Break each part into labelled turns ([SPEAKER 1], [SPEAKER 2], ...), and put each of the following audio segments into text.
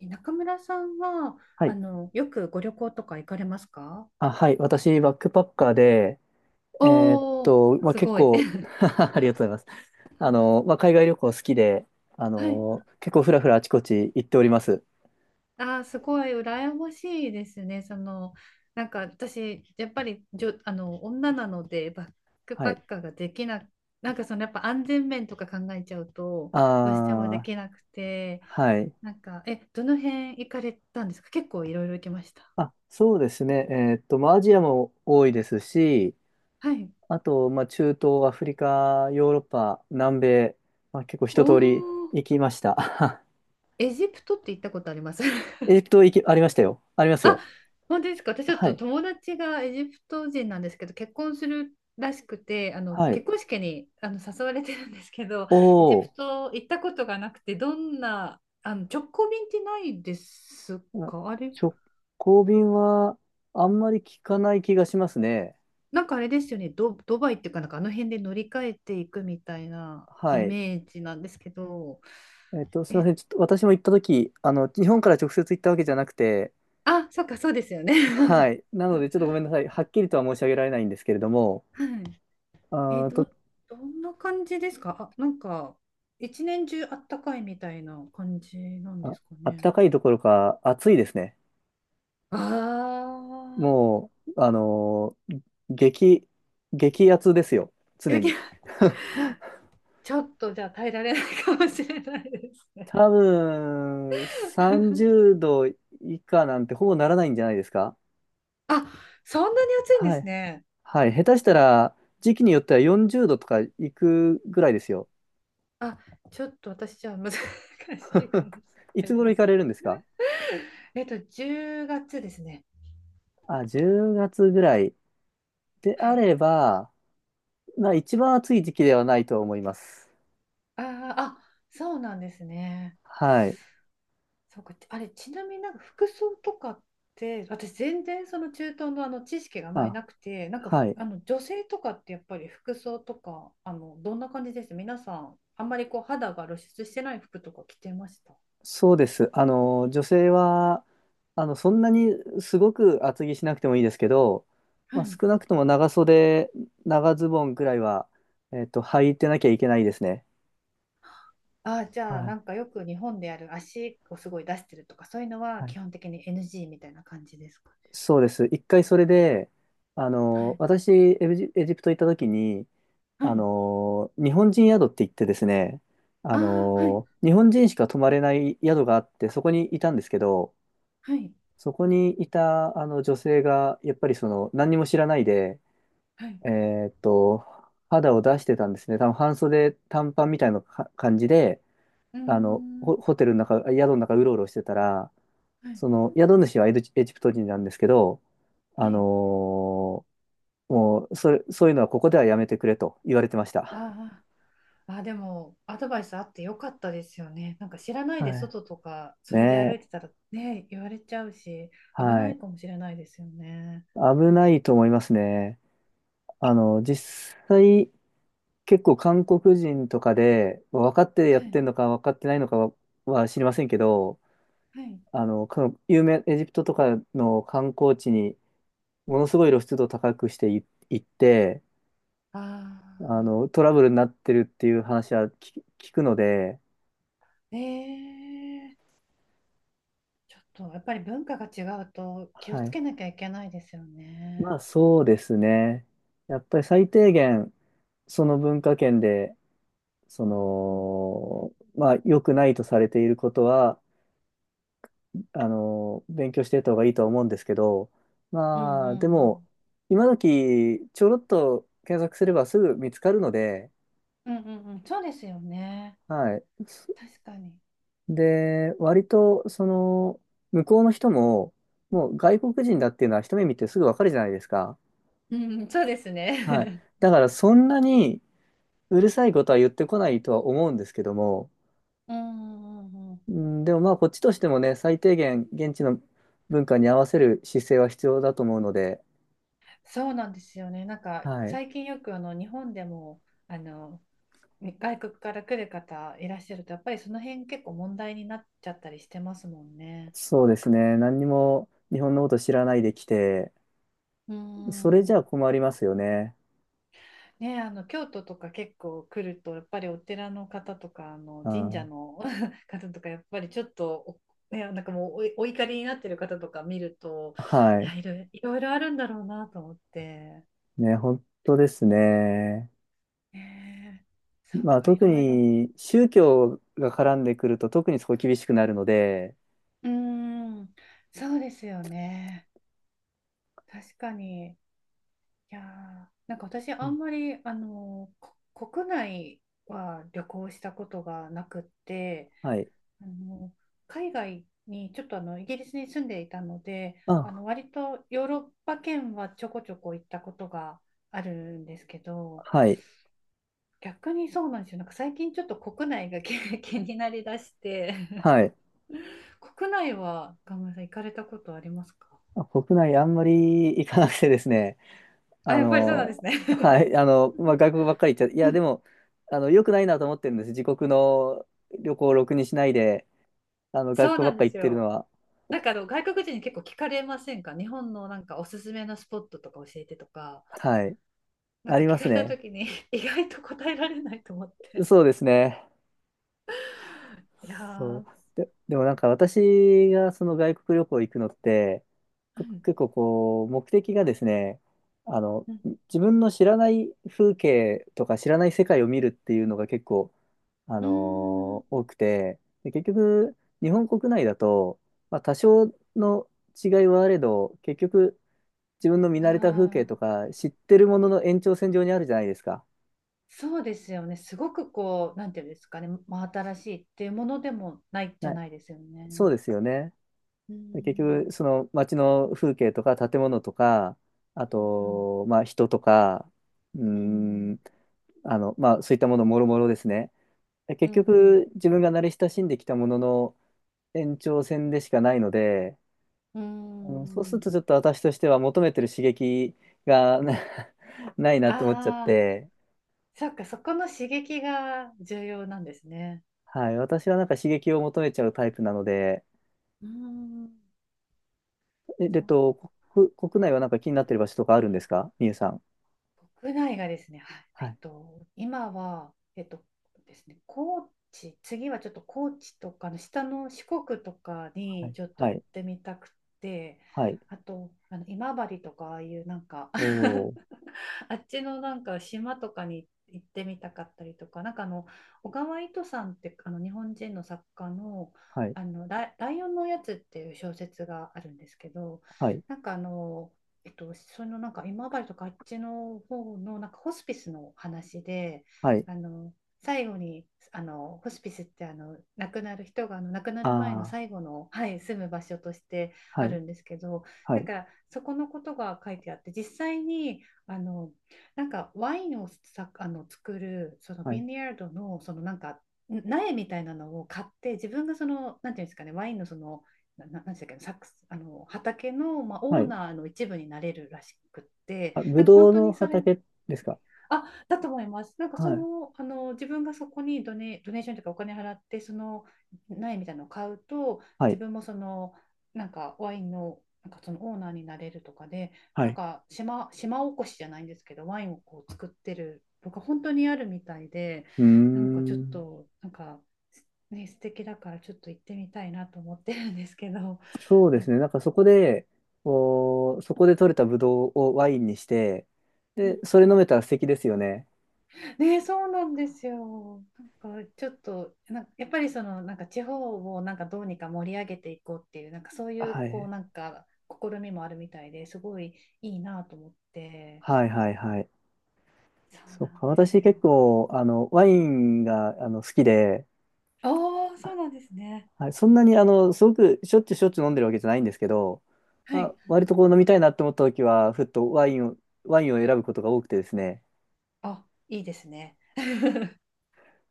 [SPEAKER 1] 中村さんは、
[SPEAKER 2] はい。
[SPEAKER 1] よくご旅行とか行かれますか？
[SPEAKER 2] あ、はい。私、バックパッカーで、
[SPEAKER 1] おお、
[SPEAKER 2] まあ、
[SPEAKER 1] す
[SPEAKER 2] 結
[SPEAKER 1] ごい。
[SPEAKER 2] 構。 ありがとうございます。まあ、海外旅行好きで、
[SPEAKER 1] はい。
[SPEAKER 2] 結構ふらふらあちこち行っております。
[SPEAKER 1] すごい羨ましいですね。その、なんか私、やっぱりじょ、あの、女なので、バック
[SPEAKER 2] は
[SPEAKER 1] パ
[SPEAKER 2] い。
[SPEAKER 1] ッカーができな、なんかその、やっぱ安全面とか考えちゃうと、どうしてもで
[SPEAKER 2] あー、
[SPEAKER 1] きなくて、
[SPEAKER 2] はい。
[SPEAKER 1] なんか、どの辺行かれたんですか？結構いろいろ行きました。
[SPEAKER 2] あ、そうですね。まあ、アジアも多いですし、
[SPEAKER 1] はい。
[SPEAKER 2] あと、まあ、中東、アフリカ、ヨーロッパ、南米、まあ、結構
[SPEAKER 1] お
[SPEAKER 2] 一通り
[SPEAKER 1] お、
[SPEAKER 2] 行きました。
[SPEAKER 1] エジプトって行ったことあります？
[SPEAKER 2] ありましたよ。あります
[SPEAKER 1] あ、
[SPEAKER 2] よ。
[SPEAKER 1] 本当ですか？私ちょっ
[SPEAKER 2] は
[SPEAKER 1] と
[SPEAKER 2] い。
[SPEAKER 1] 友達がエジプト人なんですけど、結婚するらしくて、
[SPEAKER 2] はい。
[SPEAKER 1] 結婚式に誘われてるんですけど、エジ
[SPEAKER 2] お
[SPEAKER 1] プ
[SPEAKER 2] ー。
[SPEAKER 1] ト行ったことがなくて、どんな、直行便ってないです
[SPEAKER 2] あ、
[SPEAKER 1] か？あれ、
[SPEAKER 2] 直行便はあんまり聞かない気がしますね。
[SPEAKER 1] なんかあれですよね、ドバイっていうか、なんかあの辺で乗り換えていくみたいな
[SPEAKER 2] は
[SPEAKER 1] イ
[SPEAKER 2] い。
[SPEAKER 1] メージなんですけど、
[SPEAKER 2] す
[SPEAKER 1] え、
[SPEAKER 2] みません。ちょっと私も行ったとき、日本から直接行ったわけじゃなくて、
[SPEAKER 1] あ、そっか、そうですよ
[SPEAKER 2] は
[SPEAKER 1] ね。
[SPEAKER 2] い。なので、ちょっとごめんなさい。はっきりとは申し上げられないんですけれども、
[SPEAKER 1] はい。え、
[SPEAKER 2] あー
[SPEAKER 1] ど、
[SPEAKER 2] と、
[SPEAKER 1] どんな感じですか？あ、なんか、一年中あったかいみたいな感じなんで
[SPEAKER 2] あ、
[SPEAKER 1] すか
[SPEAKER 2] あっ
[SPEAKER 1] ね。
[SPEAKER 2] たかいどころか暑いですね。
[SPEAKER 1] ああ、
[SPEAKER 2] もう、激、激熱ですよ。常
[SPEAKER 1] でき、
[SPEAKER 2] に。
[SPEAKER 1] ちょっとじゃあ耐えられないかもしれないですね。
[SPEAKER 2] 多分、30度以下なんてほぼならないんじゃないですか。
[SPEAKER 1] あ、そんなに暑いんで
[SPEAKER 2] は
[SPEAKER 1] す
[SPEAKER 2] い。
[SPEAKER 1] ね。
[SPEAKER 2] はい、下手したら時期によっては40度とか行くぐらいですよ。
[SPEAKER 1] あ、ちょっと私じゃあ難しいか もし
[SPEAKER 2] い
[SPEAKER 1] れ
[SPEAKER 2] つ
[SPEAKER 1] ない
[SPEAKER 2] 頃
[SPEAKER 1] で
[SPEAKER 2] 行か
[SPEAKER 1] す。
[SPEAKER 2] れるんですか？
[SPEAKER 1] 10月ですね。
[SPEAKER 2] あ、10月ぐらいで
[SPEAKER 1] は
[SPEAKER 2] あ
[SPEAKER 1] い。
[SPEAKER 2] れば、まあ一番暑い時期ではないと思います。
[SPEAKER 1] あー、あ、そうなんですね。
[SPEAKER 2] はい。
[SPEAKER 1] そうか、あれ、ちなみになんか服装とかって、私全然その中東の知識があまり
[SPEAKER 2] あ、
[SPEAKER 1] なくて、なんか
[SPEAKER 2] は
[SPEAKER 1] ふ
[SPEAKER 2] い。
[SPEAKER 1] あの女性とかってやっぱり服装とか、どんな感じです皆さん？あんまりこう肌が露出してない服とか着てました？
[SPEAKER 2] そうです。女性は、そんなにすごく厚着しなくてもいいですけど、
[SPEAKER 1] は
[SPEAKER 2] まあ、
[SPEAKER 1] い。
[SPEAKER 2] 少なくとも長袖、長ズボンぐらいは、履いてなきゃいけないですね。
[SPEAKER 1] ああ、じ
[SPEAKER 2] は
[SPEAKER 1] ゃあな
[SPEAKER 2] い。
[SPEAKER 1] んかよく日本でやる足をすごい出してるとか、そういうのは
[SPEAKER 2] はい、
[SPEAKER 1] 基本的に NG みたいな感じですかね？
[SPEAKER 2] そうです。一回それで、
[SPEAKER 1] はい。
[SPEAKER 2] 私、エジプト行った時に、
[SPEAKER 1] はい。
[SPEAKER 2] 日本人宿って言ってですね、
[SPEAKER 1] ああ、はい。
[SPEAKER 2] 日本人しか泊まれない宿があって、そこにいたんですけど、
[SPEAKER 1] はい。
[SPEAKER 2] そこにいた、女性が、やっぱりその、何にも知らないで、
[SPEAKER 1] はい。
[SPEAKER 2] えーっと、肌を出してたんですね。多分半袖短パンみたいなか感じで、
[SPEAKER 1] うーん。
[SPEAKER 2] ホテルの中、宿の中うろうろしてたら、
[SPEAKER 1] はい。
[SPEAKER 2] その、宿主はエジプト人なんですけど、
[SPEAKER 1] は
[SPEAKER 2] あの
[SPEAKER 1] い。
[SPEAKER 2] ーもう、それ、そういうのはここではやめてくれと言われてました。
[SPEAKER 1] ああ。あ、でも、アドバイスあってよかったですよね。なんか知らないで
[SPEAKER 2] はい。
[SPEAKER 1] 外とか、そ
[SPEAKER 2] ね
[SPEAKER 1] れで歩い
[SPEAKER 2] え。
[SPEAKER 1] てたらね、言われちゃうし、危な
[SPEAKER 2] は
[SPEAKER 1] い
[SPEAKER 2] い。
[SPEAKER 1] かもしれないですよね。
[SPEAKER 2] 危ないと思いますね。実際、結構韓国人とかで、分かってや
[SPEAKER 1] は
[SPEAKER 2] って
[SPEAKER 1] い、
[SPEAKER 2] んのか分かってないのかは、は知りませんけど、
[SPEAKER 1] はい。
[SPEAKER 2] 有名、エジプトとかの観光地に、ものすごい露出度高くしてい行って、
[SPEAKER 1] ああ、
[SPEAKER 2] トラブルになってるっていう話は聞くので、
[SPEAKER 1] ええ、ちょっとやっぱり文化が違うと気を
[SPEAKER 2] は
[SPEAKER 1] つ
[SPEAKER 2] い。
[SPEAKER 1] けなきゃいけないですよ
[SPEAKER 2] ま
[SPEAKER 1] ね。
[SPEAKER 2] あ、そうですね。やっぱり最低限、その文化圏で、そ
[SPEAKER 1] うん、
[SPEAKER 2] の、まあ、良くないとされていることは、勉強していった方がいいとは思うんですけど、
[SPEAKER 1] うん、
[SPEAKER 2] まあ、
[SPEAKER 1] う
[SPEAKER 2] でも、
[SPEAKER 1] ん、
[SPEAKER 2] 今時、ちょろっと検索すればすぐ見つかるので、
[SPEAKER 1] うん、うん、うん、うん、そうですよね。
[SPEAKER 2] はい。
[SPEAKER 1] 確かに。
[SPEAKER 2] で、割と、その、向こうの人も、もう外国人だっていうのは一目見てすぐわかるじゃないですか。
[SPEAKER 1] うん、そうです
[SPEAKER 2] はい。
[SPEAKER 1] ね。
[SPEAKER 2] だから、そんなにうるさいことは言ってこないとは思うんですけども、
[SPEAKER 1] うん、うん、うん、
[SPEAKER 2] うん、でもまあこっちとしてもね、最低限現地の文化に合わせる姿勢は必要だと思うので、
[SPEAKER 1] そうなんですよね。なんか
[SPEAKER 2] はい。
[SPEAKER 1] 最近よく日本でもあの外国から来る方いらっしゃるとやっぱりその辺結構問題になっちゃったりしてますもんね。
[SPEAKER 2] そうですね。何にも日本のこと知らないで来て、
[SPEAKER 1] う
[SPEAKER 2] それじゃ
[SPEAKER 1] ん。
[SPEAKER 2] あ困りますよね。
[SPEAKER 1] ね、京都とか結構来るとやっぱりお寺の方とか
[SPEAKER 2] う
[SPEAKER 1] 神社
[SPEAKER 2] ん、
[SPEAKER 1] の 方とかやっぱりちょっとね、なんかもうお怒りになってる方とか見ると、
[SPEAKER 2] は
[SPEAKER 1] い
[SPEAKER 2] い。
[SPEAKER 1] やいろいろ、いろいろあるんだろうなと思って。
[SPEAKER 2] ね、本当ですね。
[SPEAKER 1] ねえ、そっ
[SPEAKER 2] まあ
[SPEAKER 1] か、い
[SPEAKER 2] 特
[SPEAKER 1] ろいろ。
[SPEAKER 2] に宗教が絡んでくると特にそこ厳しくなるので、
[SPEAKER 1] うーん、そうですよね。確かに。いやー、なんか私
[SPEAKER 2] う
[SPEAKER 1] あ
[SPEAKER 2] ん、
[SPEAKER 1] んまり、国内は旅行したことがなくって、
[SPEAKER 2] はい。
[SPEAKER 1] あの海外にちょっとイギリスに住んでいたので、
[SPEAKER 2] あ、
[SPEAKER 1] 割とヨーロッパ圏はちょこちょこ行ったことがあるんですけど、
[SPEAKER 2] はい。
[SPEAKER 1] 逆にそうなんですよ。なんか最近ちょっと国内が気 気になりだして、
[SPEAKER 2] はい。
[SPEAKER 1] 国内は、ガムさん行かれたことありますか？
[SPEAKER 2] あ、国内あんまり行かなくてですね。
[SPEAKER 1] あ、
[SPEAKER 2] あ
[SPEAKER 1] やっぱりそうなんです
[SPEAKER 2] の、
[SPEAKER 1] ね。
[SPEAKER 2] は い、まあ、外国ばっかり行っちゃ、い
[SPEAKER 1] う
[SPEAKER 2] や、
[SPEAKER 1] ん、
[SPEAKER 2] でも、良くないなと思ってるんです。自国の旅行をろくにしないで、外
[SPEAKER 1] そう
[SPEAKER 2] 国
[SPEAKER 1] な
[SPEAKER 2] ばっ
[SPEAKER 1] んで
[SPEAKER 2] かり行
[SPEAKER 1] す
[SPEAKER 2] ってるの
[SPEAKER 1] よ。
[SPEAKER 2] は、
[SPEAKER 1] なんか外国人に結構聞かれませんか？日本のなんかおすすめのスポットとか教えてとか、
[SPEAKER 2] はい、
[SPEAKER 1] なん
[SPEAKER 2] あ
[SPEAKER 1] か
[SPEAKER 2] りま
[SPEAKER 1] 聞か
[SPEAKER 2] す
[SPEAKER 1] れた
[SPEAKER 2] ね。
[SPEAKER 1] 時に 意外と答えられないと思って。
[SPEAKER 2] そうですね。
[SPEAKER 1] いや
[SPEAKER 2] そう。
[SPEAKER 1] ー、
[SPEAKER 2] で、でもなんか私がその外国旅行行くのって、
[SPEAKER 1] うん、
[SPEAKER 2] 結構こう、目的がですね、あの、
[SPEAKER 1] うん、
[SPEAKER 2] 自分の知らない風景とか知らない世界を見るっていうのが結構
[SPEAKER 1] うーん、
[SPEAKER 2] 多くて、で、結局、日本国内だと、まあ、多少の違いはあれど、結局、自分の見
[SPEAKER 1] あ
[SPEAKER 2] 慣れた風景と
[SPEAKER 1] あ、
[SPEAKER 2] か、知ってるものの延長線上にあるじゃないですか。
[SPEAKER 1] そうですよね。すごくこう、なんていうんですかね、真新しいっていうものでもないじ
[SPEAKER 2] は
[SPEAKER 1] ゃ
[SPEAKER 2] い、
[SPEAKER 1] ないですよ
[SPEAKER 2] そう
[SPEAKER 1] ね。
[SPEAKER 2] ですよね。
[SPEAKER 1] う
[SPEAKER 2] で、結
[SPEAKER 1] ん、
[SPEAKER 2] 局、その街の風景とか、建物とか、あ
[SPEAKER 1] うん、うん、
[SPEAKER 2] と、まあ、人とか、うーん、まあ、そういったものもろもろですね。で
[SPEAKER 1] う
[SPEAKER 2] 結
[SPEAKER 1] ん、うん、うん。
[SPEAKER 2] 局、自分が慣れ親しんできたものの延長線でしかないので、
[SPEAKER 1] うー
[SPEAKER 2] うん、そうする
[SPEAKER 1] ん、
[SPEAKER 2] とちょっと私としては求めてる刺激がないなと思っちゃっ
[SPEAKER 1] ああ、
[SPEAKER 2] て、
[SPEAKER 1] そっか、そこの刺激が重要なんですね。
[SPEAKER 2] はい、私はなんか刺激を求めちゃうタイプなので、
[SPEAKER 1] うーん。
[SPEAKER 2] え、
[SPEAKER 1] そ
[SPEAKER 2] 国内はなんか気になってる場所とかあるんですか、みゆさん？
[SPEAKER 1] う、国内がですね、は
[SPEAKER 2] は
[SPEAKER 1] い、
[SPEAKER 2] い、
[SPEAKER 1] 今は、えっとですね、高知、次はちょっと高知とかの下の四国とか
[SPEAKER 2] は
[SPEAKER 1] に
[SPEAKER 2] い、
[SPEAKER 1] ちょっと
[SPEAKER 2] は
[SPEAKER 1] 行っ
[SPEAKER 2] い、
[SPEAKER 1] てみたくて、
[SPEAKER 2] はい、
[SPEAKER 1] あと、今治とかああいうなんか
[SPEAKER 2] おー、
[SPEAKER 1] あっちのなんか島とかに行ってみたかったりとか、なんか小川糸さんって日本人の作家の、
[SPEAKER 2] はい、
[SPEAKER 1] ライオンのおやつっていう小説があるんですけど、
[SPEAKER 2] はい、
[SPEAKER 1] なんかそのなんか今治とかあっちの方のなんかホスピスの話で、
[SPEAKER 2] はい、
[SPEAKER 1] あの最後にホスピスって亡くなる人が亡くなる前の
[SPEAKER 2] あ
[SPEAKER 1] 最後の、はい、住む場所として
[SPEAKER 2] ー、は
[SPEAKER 1] あ
[SPEAKER 2] い、
[SPEAKER 1] るんですけど、
[SPEAKER 2] は
[SPEAKER 1] なん
[SPEAKER 2] い、
[SPEAKER 1] かそこのことが書いてあって、実際にあのなんかワインを作るその
[SPEAKER 2] は
[SPEAKER 1] ビ
[SPEAKER 2] い、
[SPEAKER 1] ニヤードのそのなんか苗みたいなのを買って、自分がそのなんていうんですかね、ワインのそのなんでしたっけ、サックス、畑の、まあ、オ
[SPEAKER 2] は
[SPEAKER 1] ー
[SPEAKER 2] い、
[SPEAKER 1] ナーの一部になれるらしくって、
[SPEAKER 2] あ、ぶ
[SPEAKER 1] なんか
[SPEAKER 2] ど
[SPEAKER 1] 本
[SPEAKER 2] う
[SPEAKER 1] 当
[SPEAKER 2] の
[SPEAKER 1] にそれ、
[SPEAKER 2] 畑ですか？
[SPEAKER 1] あ、だと思います。なんか
[SPEAKER 2] は
[SPEAKER 1] そ
[SPEAKER 2] い、
[SPEAKER 1] の、自分がそこにドネーションというかお金払ってその苗みたいなのを買うと
[SPEAKER 2] は
[SPEAKER 1] 自
[SPEAKER 2] い、
[SPEAKER 1] 分もそのなんかワインの、なんかそのオーナーになれるとかで、
[SPEAKER 2] は
[SPEAKER 1] なん
[SPEAKER 2] い、
[SPEAKER 1] か島おこしじゃないんですけど、ワインをこう作ってるとか本当にあるみたいで、
[SPEAKER 2] うー
[SPEAKER 1] なんかちょっ
[SPEAKER 2] ん。
[SPEAKER 1] となんか、ね、素敵だからちょっと行ってみたいなと思ってるんですけど。
[SPEAKER 2] そうですね。なんかそこで、こう、そこで取れたブドウをワインにして、
[SPEAKER 1] う
[SPEAKER 2] で、
[SPEAKER 1] ん、
[SPEAKER 2] それ飲めたら素敵ですよね。
[SPEAKER 1] ね、そうなんですよ。なんかちょっとなんかやっぱりそのなんか地方をなんかどうにか盛り上げていこうっていうなんかそういう
[SPEAKER 2] は
[SPEAKER 1] こう
[SPEAKER 2] い。
[SPEAKER 1] なんか試みもあるみたいで、すごいいいなと思って。
[SPEAKER 2] はいはいはい。
[SPEAKER 1] そう
[SPEAKER 2] そう
[SPEAKER 1] な
[SPEAKER 2] か。
[SPEAKER 1] んで
[SPEAKER 2] 私
[SPEAKER 1] すよ。
[SPEAKER 2] 結構、ワインが、好きで、
[SPEAKER 1] ああ、そうなんですね。
[SPEAKER 2] はい、そんなに、すごくしょっちゅう飲んでるわけじゃないんですけど、
[SPEAKER 1] は
[SPEAKER 2] あ、
[SPEAKER 1] い。
[SPEAKER 2] 割とこう飲みたいなって思った時は、ふっとワインを、ワインを選ぶことが多くてですね。
[SPEAKER 1] あ、いいですね。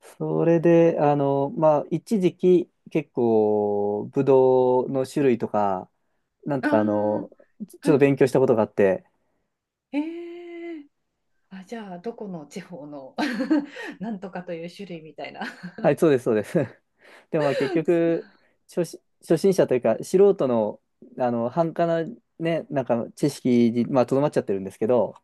[SPEAKER 2] それで、まあ、一時期、結構、ブドウの種類とか、なんと
[SPEAKER 1] あ
[SPEAKER 2] か、
[SPEAKER 1] あ、
[SPEAKER 2] ち
[SPEAKER 1] は
[SPEAKER 2] ょっと
[SPEAKER 1] い。
[SPEAKER 2] 勉強したことがあって、
[SPEAKER 1] ええ、あ、じゃあどこの地方の なんとかという種類みたいな？
[SPEAKER 2] はい、そうです、そうです。でも、まあ、結局、初心者というか、素人の、半端な、ね、なんか、知識に、まあ、とどまっちゃってるんですけど、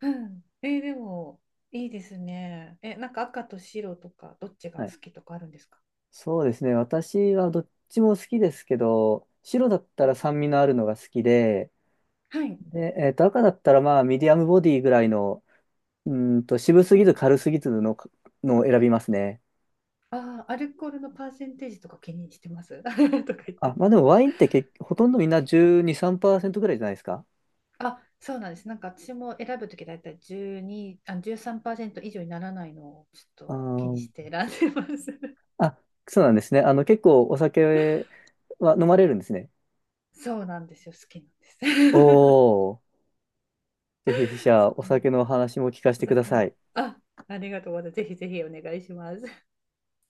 [SPEAKER 1] うん。でも、いいですね。なんか赤と白とか、どっち
[SPEAKER 2] は
[SPEAKER 1] が
[SPEAKER 2] い。
[SPEAKER 1] 好きとかあるんですか？
[SPEAKER 2] そうですね、私はどっちも好きですけど、白だったら酸味のあるのが好きで、
[SPEAKER 1] はい。
[SPEAKER 2] で、赤だったら、まあ、ミディアムボディぐらいの、うーんと、渋す
[SPEAKER 1] う
[SPEAKER 2] ぎ
[SPEAKER 1] ん。
[SPEAKER 2] ず軽すぎずの、のを選びますね。
[SPEAKER 1] ああ、アルコールのパーセンテージとか気にしてます？ とか言っ
[SPEAKER 2] あ、
[SPEAKER 1] て。
[SPEAKER 2] まあでもワインってほとんどみんな12、3%ぐらいじゃないですか。
[SPEAKER 1] あ、そうなんです。なんか私も選ぶときだいたい12、あ、じゅうさんパーセンさん以上にならないのをちょっ
[SPEAKER 2] あ
[SPEAKER 1] と気に
[SPEAKER 2] ー、
[SPEAKER 1] して選んでます。
[SPEAKER 2] あ、そうなんですね。結構お酒は飲まれるんですね。
[SPEAKER 1] そうなんですよ。好きな
[SPEAKER 2] お
[SPEAKER 1] んです。
[SPEAKER 2] ー、ぜひ、筆者、
[SPEAKER 1] そ
[SPEAKER 2] お
[SPEAKER 1] う、
[SPEAKER 2] 酒の話も聞かせ
[SPEAKER 1] お
[SPEAKER 2] てくだ
[SPEAKER 1] 酒
[SPEAKER 2] さ
[SPEAKER 1] を。
[SPEAKER 2] い。
[SPEAKER 1] あ、ありがとうございます。ぜひぜひお願いします。